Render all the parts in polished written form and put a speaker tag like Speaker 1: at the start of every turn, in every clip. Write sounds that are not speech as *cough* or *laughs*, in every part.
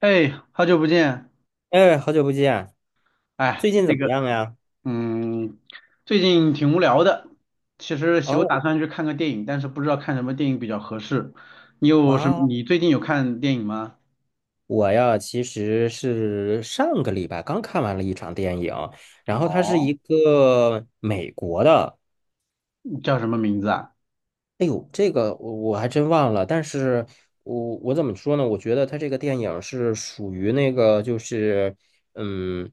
Speaker 1: 哎，好久不见！
Speaker 2: 哎，好久不见，
Speaker 1: 哎，
Speaker 2: 最近怎
Speaker 1: 那
Speaker 2: 么
Speaker 1: 个，
Speaker 2: 样呀？
Speaker 1: 嗯，最近挺无聊的。其实有打
Speaker 2: 哦
Speaker 1: 算去看个电影，但是不知道看什么电影比较合适。你有什么？
Speaker 2: 啊，
Speaker 1: 你最近有看电影吗？
Speaker 2: 我呀，其实是上个礼拜刚看完了一场电影，然后它是
Speaker 1: 哦，
Speaker 2: 一个美国的。
Speaker 1: 你叫什么名字啊？
Speaker 2: 哎呦，这个我还真忘了，但是我怎么说呢？我觉得他这个电影是属于那个，嗯，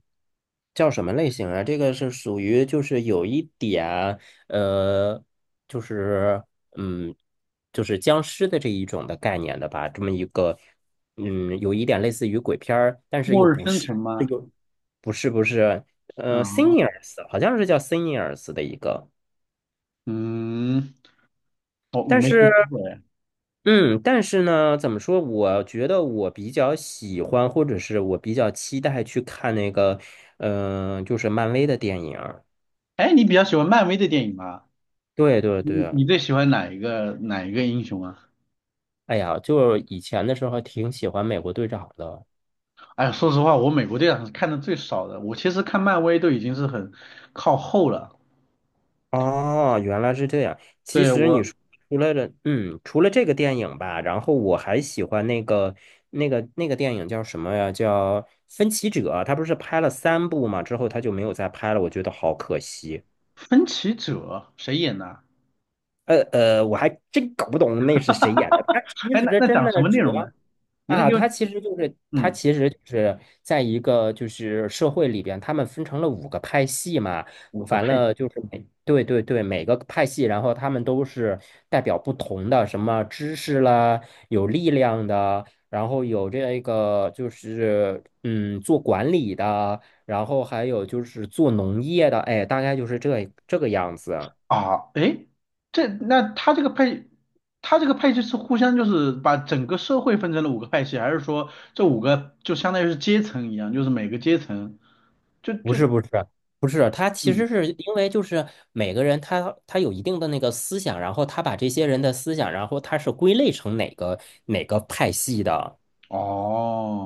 Speaker 2: 叫什么类型啊？这个是属于就是有一点呃，就是嗯，就是僵尸的这一种的概念的吧，这么一个嗯，有一点类似于鬼片儿，但是又
Speaker 1: 《末日
Speaker 2: 不
Speaker 1: 生
Speaker 2: 是。
Speaker 1: 存》吗？
Speaker 2: 这个不是不是，s e n
Speaker 1: 啊、
Speaker 2: i o r s 好像是叫 s e n i o r s 的一个。
Speaker 1: 嗯，我
Speaker 2: 但
Speaker 1: 没听
Speaker 2: 是
Speaker 1: 说过哎。
Speaker 2: 嗯，但是呢，怎么说？我觉得我比较喜欢，或者是我比较期待去看那个，就是漫威的电影儿。
Speaker 1: 哎，你比较喜欢漫威的电影吗？
Speaker 2: 对对
Speaker 1: 你
Speaker 2: 对，
Speaker 1: 你最喜欢哪一个英雄啊？
Speaker 2: 哎呀，就以前的时候挺喜欢美国队长的。
Speaker 1: 哎呀说实话，我美国队长是看的最少的。我其实看漫威都已经是很靠后了。
Speaker 2: 哦，原来是这样。其
Speaker 1: 对，
Speaker 2: 实你
Speaker 1: 我。
Speaker 2: 说除了这个电影吧，然后我还喜欢那个那个电影叫什么呀？叫《分歧者》。他不是拍了三部嘛，之后他就没有再拍了，我觉得好可惜。
Speaker 1: 分歧者谁演的啊？
Speaker 2: 我还真搞不懂那是谁演的。他其
Speaker 1: 哎，那
Speaker 2: 实
Speaker 1: 那
Speaker 2: 真
Speaker 1: 讲什
Speaker 2: 的
Speaker 1: 么内
Speaker 2: 主
Speaker 1: 容呢？
Speaker 2: 要
Speaker 1: 你能
Speaker 2: 啊，
Speaker 1: 给我
Speaker 2: 他
Speaker 1: 嗯
Speaker 2: 其实就是在一个社会里边，他们分成了五个派系嘛。
Speaker 1: 五个
Speaker 2: 完
Speaker 1: 派
Speaker 2: 了就是对对对，每个派系，然后他们都是代表不同的什么知识啦，有力量的，然后有这个就是做管理的，然后还有就是做农业的，哎，大概就是这个样子。
Speaker 1: 啊？哎，这那他这个派，他这个派系是互相就是把整个社会分成了五个派系，还是说这五个就相当于是阶层一样，就是每个阶层就
Speaker 2: 不
Speaker 1: 就
Speaker 2: 是不是不是，他其
Speaker 1: 嗯
Speaker 2: 实是因为就是每个人他有一定的那个思想，然后他把这些人的思想，然后他是归类成哪个派系的。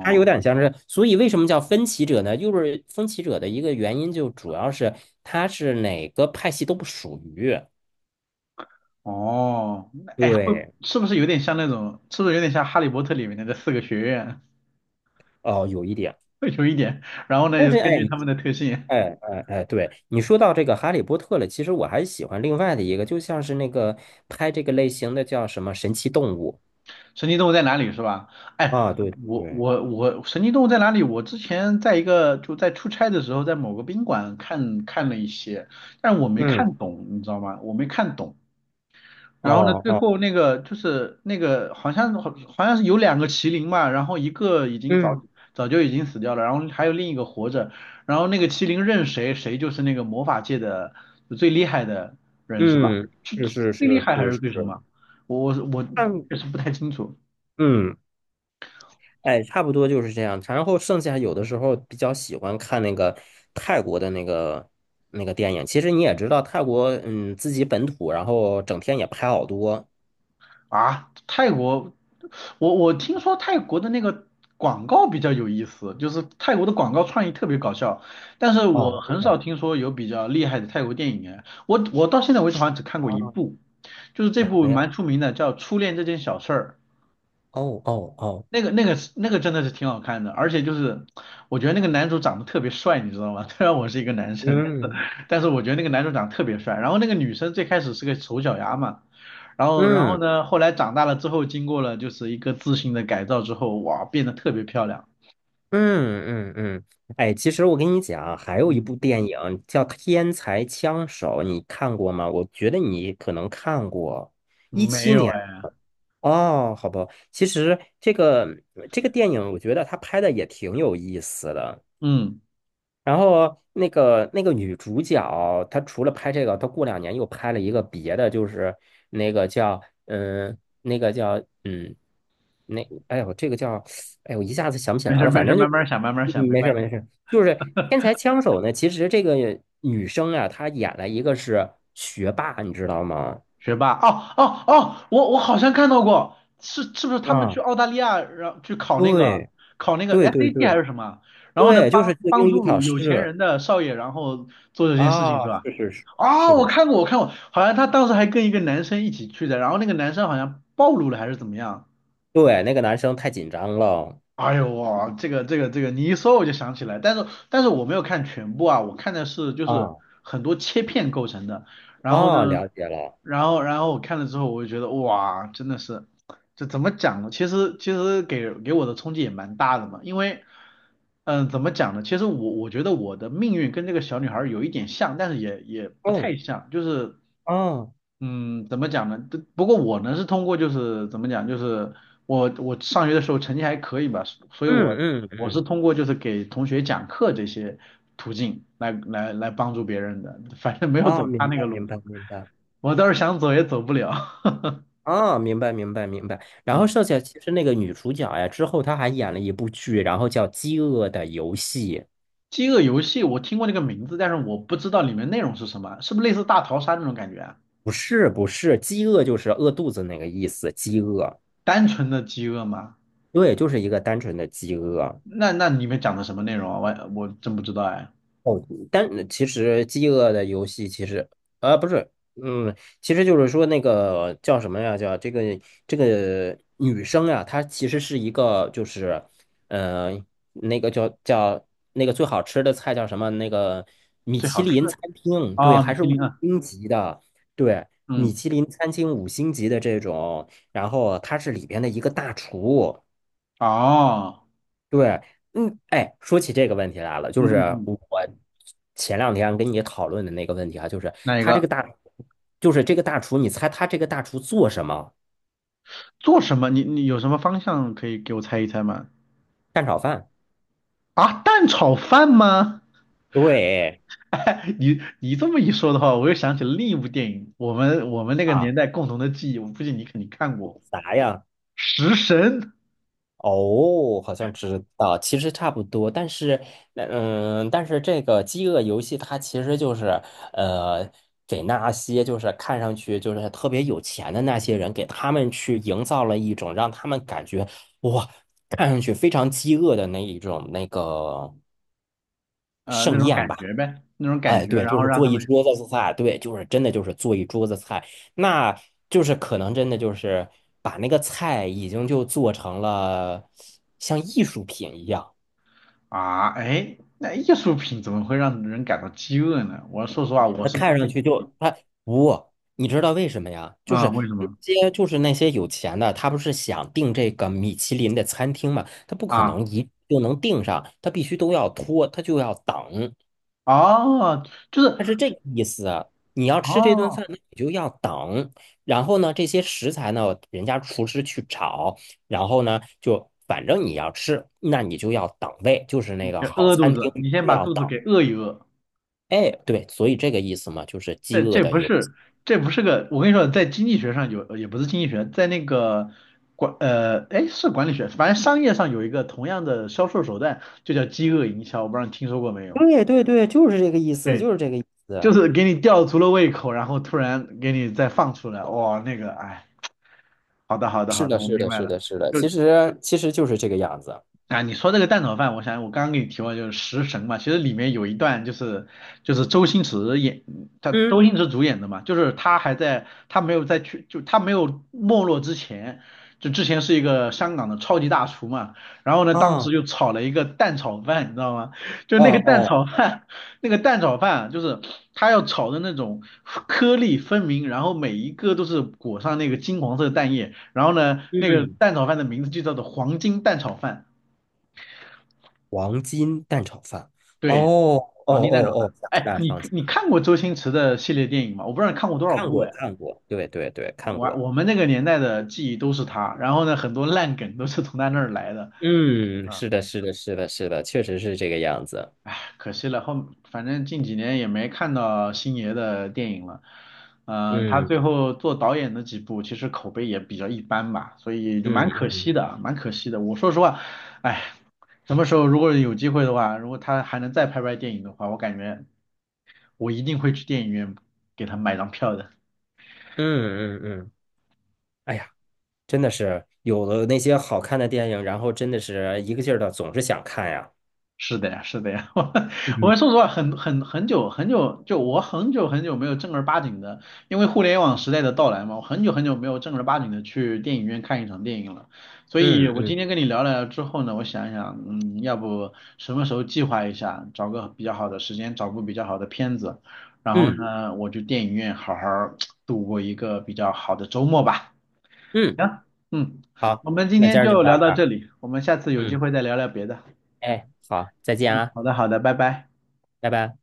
Speaker 2: 他有点像是，所以为什么叫分歧者呢？就是分歧者的一个原因，就主要是他是哪个派系都不属于。
Speaker 1: 哦，那哎会
Speaker 2: 对，
Speaker 1: 是不是有点像那种是不是有点像《哈利波特》里面的这四个学院？*laughs*
Speaker 2: 哦，有一点，
Speaker 1: 会有一点，然后呢，
Speaker 2: 但是
Speaker 1: 根
Speaker 2: 哎，
Speaker 1: 据
Speaker 2: 你
Speaker 1: 他们的特性。
Speaker 2: 哎哎哎，对，你说到这个《哈利波特》了，其实我还喜欢另外的一个，就像是那个拍这个类型的叫什么《神奇动物》。
Speaker 1: 神奇动物在哪里是吧？哎，
Speaker 2: 啊，对对
Speaker 1: 我
Speaker 2: 对。
Speaker 1: 我我，神奇动物在哪里？我之前在一个就在出差的时候，在某个宾馆看了一些，但我没
Speaker 2: 嗯，
Speaker 1: 看懂，你知道吗？我没看懂。然后呢，
Speaker 2: 哦
Speaker 1: 最
Speaker 2: 哦，
Speaker 1: 后那个就是那个好像好像是有两个麒麟嘛，然后一个已经
Speaker 2: 嗯
Speaker 1: 早就已经死掉了，然后还有另一个活着，然后那个麒麟认谁，谁就是那个魔法界的最厉害的人是吧？
Speaker 2: 嗯，是是
Speaker 1: 最厉
Speaker 2: 是
Speaker 1: 害还
Speaker 2: 是
Speaker 1: 是
Speaker 2: 是，
Speaker 1: 最什么？我
Speaker 2: 嗯
Speaker 1: 确实不太清楚。
Speaker 2: 嗯，哎，差不多就是这样。然后剩下有的时候比较喜欢看那个泰国的那个电影。其实你也知道，泰国自己本土，然后整天也拍好多。
Speaker 1: 啊，泰国，我听说泰国的那个广告比较有意思，就是泰国的广告创意特别搞笑，但是我
Speaker 2: 哦，真
Speaker 1: 很少
Speaker 2: 的
Speaker 1: 听说有比较厉害的泰国电影哎，我到现在为止好像只看过一
Speaker 2: 啊？
Speaker 1: 部，就是这
Speaker 2: 哪
Speaker 1: 部
Speaker 2: 个
Speaker 1: 蛮
Speaker 2: 呀？
Speaker 1: 出名的，叫《初恋这件小事儿》，
Speaker 2: 哦哦哦，
Speaker 1: 那个是那个真的是挺好看的，而且就是我觉得那个男主长得特别帅，你知道吗？*laughs* 虽然我是一个男生，但是
Speaker 2: 嗯
Speaker 1: 但是我觉得那个男主长得特别帅。然后那个女生最开始是个丑小鸭嘛，然后然后
Speaker 2: 嗯。
Speaker 1: 呢，后来长大了之后，经过了就是一个自信的改造之后，哇，变得特别漂亮。
Speaker 2: 嗯嗯嗯，哎，其实我跟你讲，还有一
Speaker 1: 嗯，
Speaker 2: 部电影叫《天才枪手》，你看过吗？我觉得你可能看过，一
Speaker 1: 没
Speaker 2: 七
Speaker 1: 有
Speaker 2: 年
Speaker 1: 哎，
Speaker 2: 哦，好吧。其实这个电影，我觉得他拍的也挺有意思的。
Speaker 1: 嗯，
Speaker 2: 然后那个女主角，她除了拍这个，她过两年又拍了一个别的，就是那个叫那个叫嗯，那这个叫我一下子想不起
Speaker 1: 没事
Speaker 2: 来
Speaker 1: 儿
Speaker 2: 了。
Speaker 1: 没
Speaker 2: 反
Speaker 1: 事儿，
Speaker 2: 正就
Speaker 1: 慢慢想慢慢想，没
Speaker 2: 没事儿
Speaker 1: 关系。
Speaker 2: 没事儿，就是天才枪手呢。其实这个女生啊，她演了一个是学霸，你知道吗？
Speaker 1: 学霸哦哦哦，我好像看到过，是是不是他们去
Speaker 2: 啊，
Speaker 1: 澳大利亚，然后去考那个
Speaker 2: 对
Speaker 1: 考那个
Speaker 2: 对对
Speaker 1: SAT 还
Speaker 2: 对
Speaker 1: 是什么？然后呢，
Speaker 2: 对，就是
Speaker 1: 帮
Speaker 2: 做
Speaker 1: 帮
Speaker 2: 英语考
Speaker 1: 助有钱
Speaker 2: 试。
Speaker 1: 人的少爷，然后做这件事情是
Speaker 2: 啊，
Speaker 1: 吧？
Speaker 2: 是是是，
Speaker 1: 哦，
Speaker 2: 是
Speaker 1: 我
Speaker 2: 的，是，
Speaker 1: 看过，我看过，好像他当时还跟一个男生一起去的，然后那个男生好像暴露了还是怎么样？
Speaker 2: 对，那个男生太紧张了。
Speaker 1: 哎呦哇，这个，你一说我就想起来，但是但是我没有看全部啊，我看的是就是
Speaker 2: 啊。
Speaker 1: 很多切片构成的，然后呢。
Speaker 2: 哦，了解了。
Speaker 1: 然后然后我看了之后，我就觉得哇，真的是，这怎么讲呢？其实其实给我的冲击也蛮大的嘛，因为嗯、怎么讲呢？其实我觉得我的命运跟这个小女孩儿有一点像，但是也也不
Speaker 2: 哦，
Speaker 1: 太像，就是
Speaker 2: 哦，
Speaker 1: 嗯，怎么讲呢？不过我呢是通过就是怎么讲，就是我上学的时候成绩还可以吧，所以
Speaker 2: 嗯
Speaker 1: 我
Speaker 2: 嗯
Speaker 1: 我是
Speaker 2: 嗯，
Speaker 1: 通过就是给同学讲课这些途径来帮助别人的，反正没有
Speaker 2: 啊，
Speaker 1: 走他
Speaker 2: 明
Speaker 1: 那个
Speaker 2: 白
Speaker 1: 路
Speaker 2: 明
Speaker 1: 子。
Speaker 2: 白明白。
Speaker 1: 我倒是想走也走不了。*laughs*
Speaker 2: 啊，明白明白明白。然后
Speaker 1: 嗯，
Speaker 2: 剩下其实那个女主角呀，之后她还演了一部剧，然后叫《饥饿的游戏》。
Speaker 1: 饥饿游戏我听过这个名字，但是我不知道里面内容是什么，是不是类似大逃杀那种感觉啊？
Speaker 2: 不是不是，饥饿就是饿肚子那个意思，饥饿。
Speaker 1: 单纯的饥饿吗？
Speaker 2: 对，就是一个单纯的饥饿。
Speaker 1: 那那里面讲的什么内容啊？我真不知道哎。
Speaker 2: 哦，但其实《饥饿的游戏》其实啊不是，其实就是说那个叫什么呀？叫这个女生呀，她其实是一个就是呃那个叫叫那个最好吃的菜叫什么？那个米
Speaker 1: 最
Speaker 2: 其
Speaker 1: 好吃
Speaker 2: 林
Speaker 1: 的
Speaker 2: 餐厅，对，
Speaker 1: 哦，米
Speaker 2: 还是
Speaker 1: 其
Speaker 2: 五
Speaker 1: 林啊，
Speaker 2: 星级的。对，米
Speaker 1: 嗯，
Speaker 2: 其林餐厅五星级的这种，然后她是里边的一个大厨。
Speaker 1: 哦，
Speaker 2: 对，嗯，哎，说起这个问题来了，
Speaker 1: 嗯
Speaker 2: 就是
Speaker 1: 嗯嗯，
Speaker 2: 我前两天跟你讨论的那个问题啊，就是
Speaker 1: 哪一
Speaker 2: 他这
Speaker 1: 个？
Speaker 2: 个大，就是这个大厨，你猜他这个大厨做什么？
Speaker 1: 做什么？你有什么方向可以给我猜一猜吗？
Speaker 2: 蛋炒饭。
Speaker 1: 啊，蛋炒饭吗？
Speaker 2: 对
Speaker 1: *laughs* 你这么一说的话，我又想起了另一部电影，我们那个
Speaker 2: 啊，
Speaker 1: 年代共同的记忆，我估计你肯定看过。
Speaker 2: 啥呀？
Speaker 1: 食神，
Speaker 2: 哦，好像知道，其实差不多，但是这个饥饿游戏它其实就是，呃，给那些就是看上去就是特别有钱的那些人，给他们去营造了一种让他们感觉哇，看上去非常饥饿的那一种那个
Speaker 1: 那
Speaker 2: 盛
Speaker 1: 种
Speaker 2: 宴
Speaker 1: 感
Speaker 2: 吧。
Speaker 1: 觉呗，那种感
Speaker 2: 哎，
Speaker 1: 觉，
Speaker 2: 对，
Speaker 1: 然
Speaker 2: 就
Speaker 1: 后
Speaker 2: 是
Speaker 1: 让
Speaker 2: 做
Speaker 1: 他
Speaker 2: 一
Speaker 1: 们
Speaker 2: 桌子菜，对，就是真的就是做一桌子菜，那就是可能真的就是把那个菜已经就做成了像艺术品一样。
Speaker 1: 啊，哎，那艺术品怎么会让人感到饥饿呢？我说实话，我
Speaker 2: 它
Speaker 1: 是不
Speaker 2: 看上
Speaker 1: 太
Speaker 2: 去
Speaker 1: 理解。
Speaker 2: 就它不，你知道为什么呀？就
Speaker 1: 啊，
Speaker 2: 是
Speaker 1: 为什
Speaker 2: 那
Speaker 1: 么
Speaker 2: 些就是那些有钱的，他不是想订这个米其林的餐厅嘛，他不可
Speaker 1: 啊？
Speaker 2: 能一就能订上，他必须都要拖，他就要等。
Speaker 1: 哦，就是
Speaker 2: 它是这个意思啊。你要吃这顿
Speaker 1: 哦，
Speaker 2: 饭，那你就要等。然后呢，这些食材呢，人家厨师去炒。然后呢，就反正你要吃，那你就要等位，就是
Speaker 1: 你
Speaker 2: 那个
Speaker 1: 别
Speaker 2: 好
Speaker 1: 饿肚
Speaker 2: 餐
Speaker 1: 子，
Speaker 2: 厅你
Speaker 1: 你先
Speaker 2: 就
Speaker 1: 把
Speaker 2: 要
Speaker 1: 肚
Speaker 2: 等。
Speaker 1: 子给饿一饿。
Speaker 2: 哎，对，所以这个意思嘛，就是
Speaker 1: 这
Speaker 2: 饥饿
Speaker 1: 这
Speaker 2: 的
Speaker 1: 不
Speaker 2: 游戏。
Speaker 1: 是这不是个，我跟你说，在经济学上有，也不是经济学，在那个管哎，是管理学，反正商业上有一个同样的销售手段，就叫饥饿营销，我不知道你听说过没有？
Speaker 2: 对对对，就是这个意思，
Speaker 1: 对，
Speaker 2: 就是这个意
Speaker 1: 就
Speaker 2: 思。
Speaker 1: 是给你吊足了胃口，然后突然给你再放出来，哇、那个，哎，好的，好的，
Speaker 2: 是
Speaker 1: 好的，
Speaker 2: 的，
Speaker 1: 我
Speaker 2: 是
Speaker 1: 明
Speaker 2: 的，
Speaker 1: 白
Speaker 2: 是
Speaker 1: 了，
Speaker 2: 的，是的，
Speaker 1: 就
Speaker 2: 其实就是这个样子。
Speaker 1: 啊，你说这个蛋炒饭，我想我刚刚给你提过，就是《食神》嘛，其实里面有一段就是就是周星驰演，他周
Speaker 2: 嗯，
Speaker 1: 星驰主演的嘛，就是他还在他没有在去就他没有没落之前，就之前是一个香港的超级大厨嘛，然后呢，当时
Speaker 2: 哦
Speaker 1: 就炒了一个蛋炒饭，你知道吗？就
Speaker 2: 哦
Speaker 1: 那个蛋
Speaker 2: 哦，
Speaker 1: 炒饭，*laughs* 那个蛋炒饭啊就是他要炒的那种颗粒分明，然后每一个都是裹上那个金黄色的蛋液，然后呢，那个
Speaker 2: 嗯，
Speaker 1: 蛋炒饭的名字就叫做黄金蛋炒饭。
Speaker 2: 黄金蛋炒饭。哦
Speaker 1: 对，
Speaker 2: 哦
Speaker 1: 黄金蛋炒
Speaker 2: 哦哦，
Speaker 1: 饭。
Speaker 2: 想起
Speaker 1: 哎，
Speaker 2: 来了，
Speaker 1: 你
Speaker 2: 想起
Speaker 1: 你
Speaker 2: 来了。
Speaker 1: 看过周星驰的系列电影吗？我不知道你看过多少
Speaker 2: 看
Speaker 1: 部
Speaker 2: 过
Speaker 1: 哎。
Speaker 2: 看过，对对对，看
Speaker 1: 我
Speaker 2: 过。
Speaker 1: 我们那个年代的记忆都是他，然后呢，很多烂梗都是从他那儿来的
Speaker 2: 嗯，
Speaker 1: 啊。
Speaker 2: 是的，是的，是的，是的，确实是这个样子。
Speaker 1: 可惜了，后反正近几年也没看到星爷的电影了。他
Speaker 2: 嗯
Speaker 1: 最后做导演的几部，其实口碑也比较一般吧，所以就蛮
Speaker 2: 嗯
Speaker 1: 可惜
Speaker 2: 嗯
Speaker 1: 的，蛮可惜的。我说实话，哎，什么时候如果有机会的话，如果他还能再拍电影的话，我感觉我一定会去电影院给他买张票的。
Speaker 2: 嗯嗯嗯，哎呀，真的是有了那些好看的电影，然后真的是一个劲儿的总是想看呀。
Speaker 1: 是的呀，是的呀，*laughs* 我
Speaker 2: 嗯
Speaker 1: 我说实话，很很久很久，就我很久很久没有正儿八经的，因为互联网时代的到来嘛，我很久很久没有正儿八经的去电影院看一场电影了。所以
Speaker 2: 嗯
Speaker 1: 我
Speaker 2: 嗯
Speaker 1: 今天跟你聊了之后呢，我想一想，嗯，要不什么时候计划一下，找个比较好的时间，找部比较好的片子，然后
Speaker 2: 嗯
Speaker 1: 呢，我去电影院好好儿度过一个比较好的周末吧。
Speaker 2: 嗯，
Speaker 1: 行，嗯，
Speaker 2: 好，
Speaker 1: 我们今
Speaker 2: 那
Speaker 1: 天
Speaker 2: 今儿就
Speaker 1: 就
Speaker 2: 到
Speaker 1: 聊
Speaker 2: 这
Speaker 1: 到这
Speaker 2: 儿。
Speaker 1: 里，我们下次有机
Speaker 2: 嗯，
Speaker 1: 会再聊聊别的。
Speaker 2: 哎，好，再见
Speaker 1: 嗯，
Speaker 2: 啊，
Speaker 1: 好的，好的，拜拜。
Speaker 2: 拜拜。